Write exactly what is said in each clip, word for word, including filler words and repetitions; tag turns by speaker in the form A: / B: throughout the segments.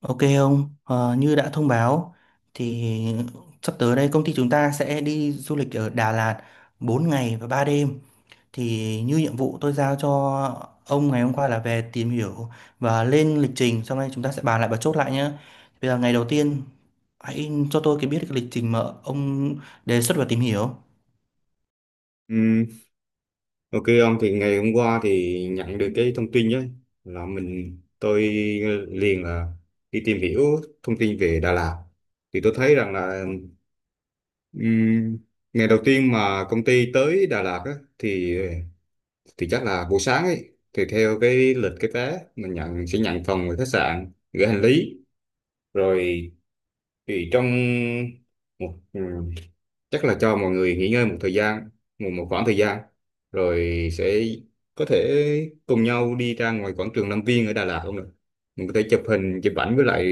A: Ok ông, Ờ, như đã thông báo thì sắp tới đây công ty chúng ta sẽ đi du lịch ở Đà Lạt bốn ngày và ba đêm. Thì như nhiệm vụ tôi giao cho ông ngày hôm qua là về tìm hiểu và lên lịch trình, sau đây chúng ta sẽ bàn lại và chốt lại nhé. Bây giờ ngày đầu tiên hãy cho tôi cái biết cái lịch trình mà ông đề xuất và tìm hiểu.
B: Ừ, ok ông, thì ngày hôm qua thì nhận được cái thông tin ấy là mình tôi liền là đi tìm hiểu thông tin về Đà Lạt. Thì tôi thấy rằng là ừm, ngày đầu tiên mà công ty tới Đà Lạt á, thì thì chắc là buổi sáng ấy thì theo cái lịch cái vé mình nhận sẽ nhận phòng ở khách sạn, gửi hành lý rồi. Thì trong chắc là cho mọi người nghỉ ngơi một thời gian, một một khoảng thời gian, rồi sẽ có thể cùng nhau đi ra ngoài quảng trường Lâm Viên ở Đà Lạt. Không được, mình có thể chụp hình chụp ảnh với lại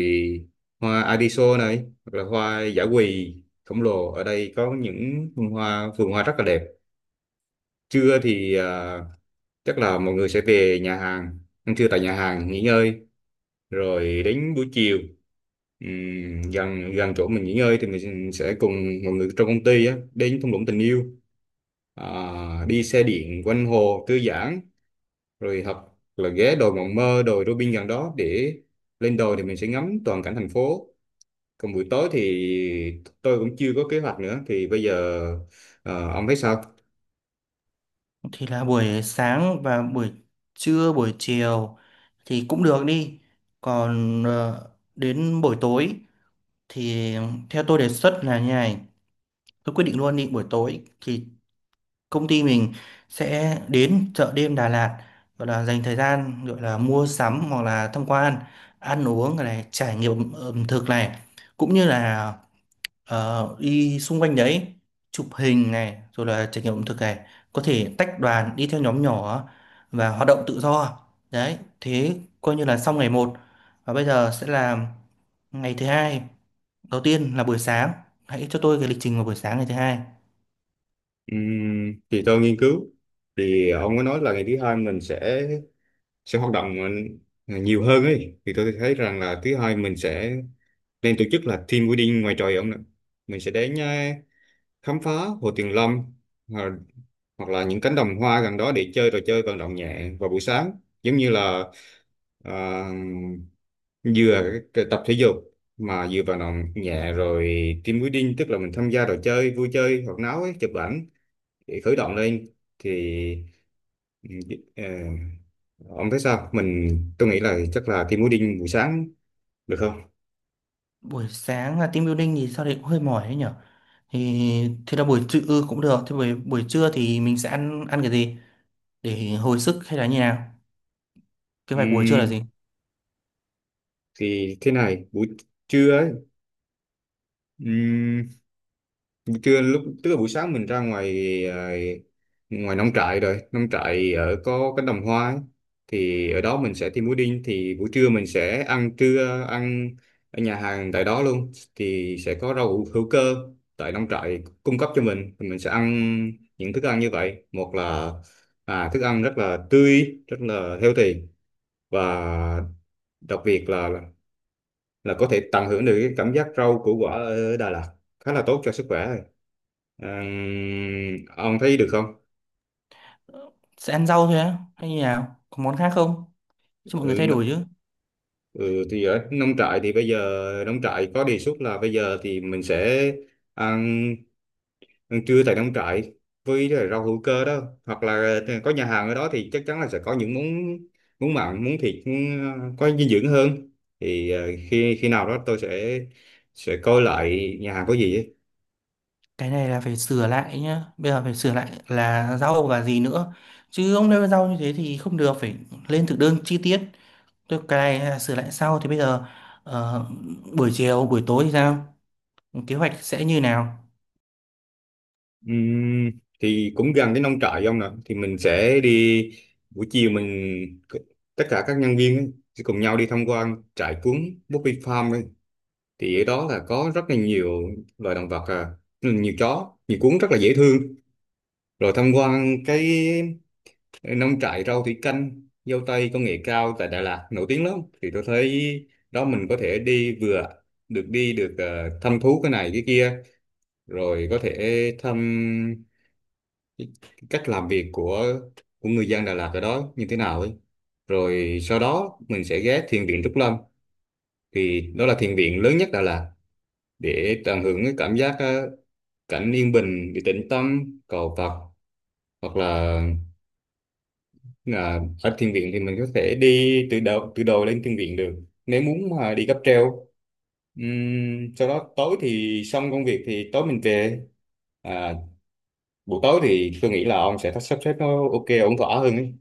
B: hoa Adiso này, hoặc là hoa dã quỳ khổng lồ. Ở đây có những vườn hoa vườn hoa rất là đẹp. Trưa thì à, chắc là mọi người sẽ về nhà hàng ăn trưa, tại nhà hàng nghỉ ngơi. Rồi đến buổi chiều, ừm, gần gần chỗ mình nghỉ ngơi thì mình sẽ cùng mọi người trong công ty á đến thung lũng tình yêu, à, đi xe điện quanh hồ thư giãn, rồi hoặc là ghé đồi Mộng Mơ, đồi Robin gần đó để lên đồi thì mình sẽ ngắm toàn cảnh thành phố. Còn buổi tối thì tôi cũng chưa có kế hoạch nữa, thì bây giờ ờ, ông thấy sao?
A: Thì là buổi sáng và buổi trưa, buổi chiều thì cũng được đi. Còn ờ, đến buổi tối thì theo tôi đề xuất là như này, tôi quyết định luôn, đi buổi tối thì công ty mình sẽ đến chợ đêm Đà Lạt, gọi là dành thời gian, gọi là mua sắm hoặc là tham quan, ăn uống này, trải nghiệm ẩm thực này, cũng như là ờ, đi xung quanh đấy, chụp hình này rồi là trải nghiệm ẩm thực này, có thể tách đoàn đi theo nhóm nhỏ và hoạt động tự do. Đấy, thế coi như là xong ngày một. Và bây giờ sẽ là ngày thứ hai. Đầu tiên là buổi sáng, hãy cho tôi cái lịch trình vào buổi sáng ngày thứ hai.
B: Ừm, thì tôi nghiên cứu, thì ông có nói là ngày thứ hai mình sẽ sẽ hoạt động ờ, nhiều hơn ấy, thì tôi thấy rằng là thứ hai mình sẽ nên tổ chức là team building ngoài trời ông ạ. Mình sẽ đến ờ, khám phá Hồ Tuyền Lâm, ờ, hoặc là những cánh đồng hoa gần đó để chơi trò chơi vận động nhẹ vào buổi sáng, giống như là à, vừa cái- cái tập thể dục, mà vừa vận động nhẹ. Rồi team building tức là mình tham gia trò chơi vui chơi hoạt náo ấy, chụp ảnh để khởi động lên. Thì ừ, ờ, ông thấy sao? Mình, tôi nghĩ là chắc là team building buổi sáng được không?
A: Buổi sáng là team building thì sao đấy cũng hơi mỏi đấy nhở. Thì thế là buổi trưa ừ, cũng được. Thế buổi buổi trưa thì mình sẽ ăn ăn cái gì để hồi sức hay là như nào? Kế hoạch của buổi trưa là
B: Ừm,
A: gì?
B: thì thế này, buổi trưa ấy. Trưa lúc tức là buổi sáng mình ra ngoài, à, ngoài nông trại, rồi nông trại ở có cánh đồng hoa ấy. Thì ở đó mình sẽ thêm pudding, thì buổi trưa mình sẽ ăn trưa, ăn ở nhà hàng tại đó luôn, thì sẽ có rau hữu hữu cơ tại nông trại cung cấp cho mình. Thì mình sẽ ăn những thức ăn như vậy. Một là à, thức ăn rất là tươi, rất là healthy, và đặc biệt là là có thể tận hưởng được cái cảm giác rau củ quả ở Đà Lạt khá là tốt cho sức khỏe. À, ông thấy được không?
A: Sẽ ăn rau thôi á hay như nào? Có món khác không? Cho mọi người
B: Ừ,
A: thay
B: n-
A: đổi chứ.
B: ừ, thì ở nông trại thì bây giờ nông trại có đề xuất là bây giờ thì mình sẽ ăn, ăn trưa tại nông trại với lại rau hữu cơ đó, hoặc là ờ, có nhà hàng ở đó thì chắc chắn là sẽ có những món món mặn, món thịt, món, ờ, có dinh dưỡng hơn. Thì ờ, khi khi nào đó tôi sẽ sẽ coi lại nhà hàng có gì ấy.
A: Cái này là phải sửa lại nhá. Bây giờ phải sửa lại là rau và gì nữa. Chứ ông nêu rau như thế thì không được, phải lên thực đơn chi tiết. Tức cái này hay sửa lại sau, thì bây giờ ờ, buổi chiều buổi tối thì sao, kế hoạch sẽ như nào?
B: Ừm, thì cũng gần cái nông trại ông nè, thì mình sẽ đi, buổi chiều mình c- tất cả các nhân viên ấy, sẽ cùng nhau đi tham quan trại cuốn Bobby Farm ấy. Thì ở đó là có rất là nhiều loài động vật, à, nhiều chó nhiều cuốn rất là dễ thương. Rồi tham quan cái nông trại rau thủy canh, dâu tây công nghệ cao tại Đà Lạt nổi tiếng lắm. Thì tôi thấy đó, mình có thể đi, vừa được đi, được ờ, thăm thú cái này cái kia, rồi có thể thăm cái cái cách làm việc của của người dân Đà Lạt ở đó như thế nào ấy. Rồi sau đó mình sẽ ghé thiền viện Trúc Lâm, thì đó là thiền viện lớn nhất Đà Lạt, để tận hưởng cái cảm giác ờ, cảnh yên bình, để tĩnh tâm cầu Phật. Hoặc là là ở thiền viện thì mình có thể đi từ đầu từ đầu lên thiền viện được, nếu muốn mà đi cáp treo. Ừm, sau đó tối thì xong công việc thì tối mình về, à, buổi tối thì tôi nghĩ là ông sẽ sắp xếp nó ok ổn thỏa hơn ấy.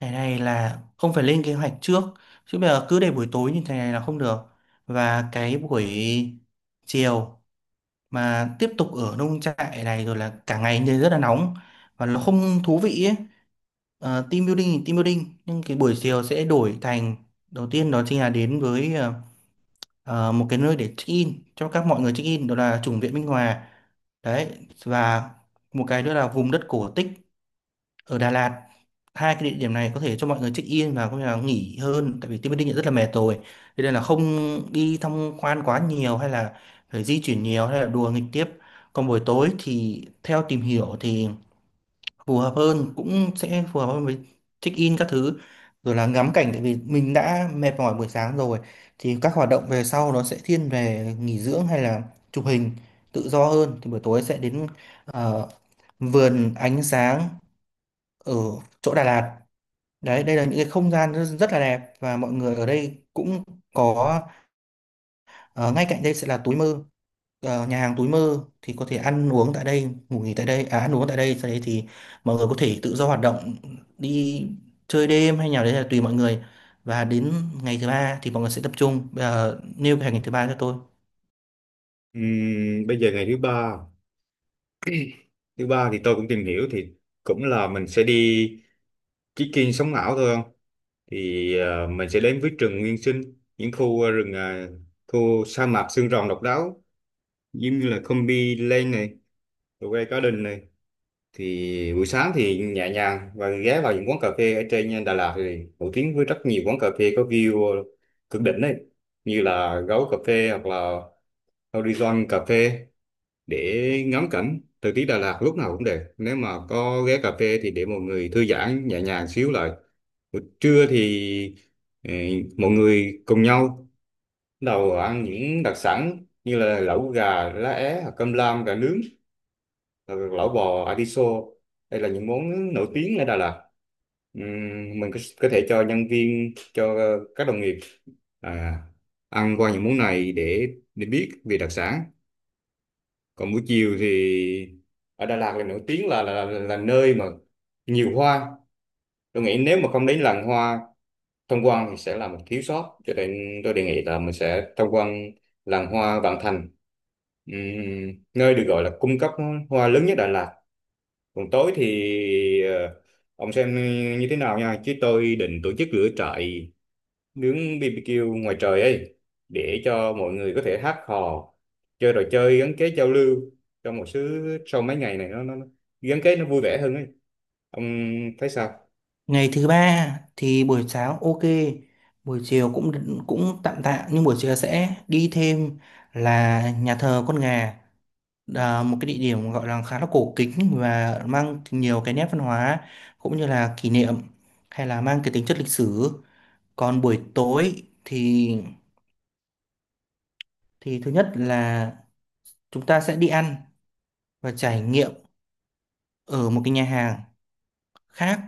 A: Cái này là không phải lên kế hoạch trước, chứ bây giờ cứ để buổi tối như thế này là không được. Và cái buổi chiều mà tiếp tục ở nông trại này rồi là cả ngày nên rất là nóng và nó không thú vị ấy. Ờ, team building thì team building, nhưng cái buổi chiều sẽ đổi thành, đầu tiên đó chính là đến với ờ, ờ, một cái nơi để check in, cho các mọi người check in, đó là chủng viện Minh Hòa. Đấy, và một cái nữa là vùng đất cổ tích ở Đà Lạt. Hai cái địa điểm này có thể cho mọi người check in và có thể là nghỉ hơn, tại vì Tiên Bất Định rất là mệt rồi, thế nên là không đi tham quan quá nhiều hay là phải di chuyển nhiều hay là đùa nghịch tiếp. Còn buổi tối thì theo tìm hiểu thì phù hợp hơn, cũng sẽ phù hợp hơn với check in các thứ rồi là ngắm cảnh, tại vì mình đã mệt mỏi buổi sáng rồi thì các hoạt động về sau nó sẽ thiên về nghỉ dưỡng hay là chụp hình tự do hơn. Thì buổi tối sẽ đến ờ, vườn ánh sáng ở chỗ Đà Lạt. Đấy, đây là những cái không gian rất, rất là đẹp và mọi người ở đây cũng có. Ờ, Ngay cạnh đây sẽ là túi mơ. Ờ, nhà hàng túi mơ thì có thể ăn uống tại đây, ngủ nghỉ tại đây, à, ăn uống tại đây, sau đấy thì mọi người có thể tự do hoạt động, đi chơi đêm hay nào đấy là tùy mọi người. Và đến ngày thứ ba thì mọi người sẽ tập trung. Bây giờ nêu cái ngày thứ ba cho tôi.
B: Ừm, bây giờ ngày thứ ba thứ ba thì tôi cũng tìm hiểu, thì cũng là mình sẽ đi trekking sống ảo thôi không. Thì ờ, mình sẽ đến với rừng nguyên sinh, những khu ờ, rừng, ờ, khu sa mạc xương rồng độc đáo, giống như là Combi Lane này, Quay Garden này. Thì buổi sáng thì nhẹ nhàng và ghé vào những quán cà phê ở trên, ờ, Đà Lạt thì nổi tiếng với rất nhiều quán cà phê có view ờ, cực đỉnh đấy, như là Gấu Cà Phê hoặc là Horizon Cà Phê, để ngắm cảnh. Thời tiết Đà Lạt lúc nào cũng đẹp, nếu mà có ghé cà phê thì để mọi người thư giãn nhẹ nhàng xíu lại. Buổi trưa thì ừ, mọi người cùng nhau đầu ăn những đặc sản như là lẩu gà lá é, hoặc cơm lam gà nướng, hoặc lẩu bò atiso. Đây là những món nổi tiếng ở Đà Lạt. Ừm, mình có, có thể cho nhân viên, cho các đồng nghiệp à, ăn qua những món này để để biết về đặc sản. Còn buổi chiều thì ở Đà Lạt là nổi tiếng là là, là, là nơi mà nhiều hoa. Tôi nghĩ nếu mà không đến làng hoa tham quan thì sẽ là một thiếu sót, cho nên tôi đề nghị là mình sẽ tham quan làng hoa Vạn Thành, Ừm, nơi được gọi là cung cấp hoa lớn nhất Đà Lạt. Còn tối thì ờ, ông xem như thế nào nha, chứ tôi định tổ chức lửa trại, nướng bê bê kiu ngoài trời ấy, để cho mọi người có thể hát hò, chơi trò chơi gắn kết giao lưu trong một số. Sau mấy ngày này nó, nó nó gắn kết, nó vui vẻ hơn ấy. Ông thấy sao?
A: Ngày thứ ba thì buổi sáng ok, buổi chiều cũng cũng tạm tạm, nhưng buổi chiều sẽ đi thêm là nhà thờ con gà, à, một cái địa điểm gọi là khá là cổ kính và mang nhiều cái nét văn hóa cũng như là kỷ niệm hay là mang cái tính chất lịch sử. Còn buổi tối thì thì thứ nhất là chúng ta sẽ đi ăn và trải nghiệm ở một cái nhà hàng khác.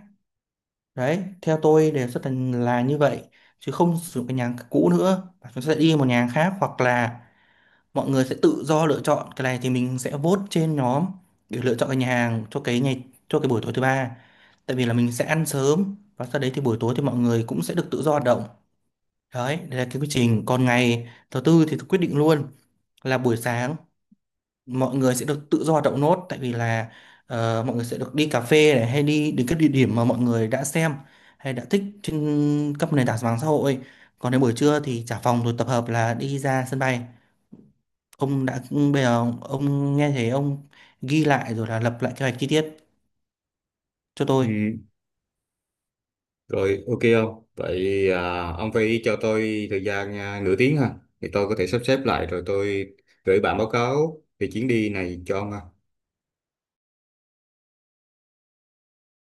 A: Đấy, theo tôi đề xuất là, là như vậy, chứ không sử dụng cái nhà hàng cũ nữa. Chúng ta sẽ đi một nhà hàng khác hoặc là mọi người sẽ tự do lựa chọn, cái này thì mình sẽ vote trên nhóm để lựa chọn cái nhà hàng cho cái ngày, cho cái buổi tối thứ ba, tại vì là mình sẽ ăn sớm và sau đấy thì buổi tối thì mọi người cũng sẽ được tự do hoạt động. Đấy, đây là cái quy trình. Còn ngày thứ tư thì quyết định luôn là buổi sáng mọi người sẽ được tự do hoạt động nốt, tại vì là ờ, mọi người sẽ được đi cà phê này hay đi đến các địa điểm mà mọi người đã xem hay đã thích trên các nền tảng mạng xã hội. Còn đến buổi trưa thì trả phòng rồi tập hợp là đi ra sân bay. Ông đã, bây giờ ông nghe thấy, ông ghi lại rồi là lập lại kế hoạch chi tiết cho tôi.
B: Ừ, rồi ok không? Vậy à, ông phải cho tôi thời gian, à, nửa tiếng ha, thì tôi có thể sắp xếp lại rồi tôi gửi bản báo cáo về chuyến đi này cho ông ha.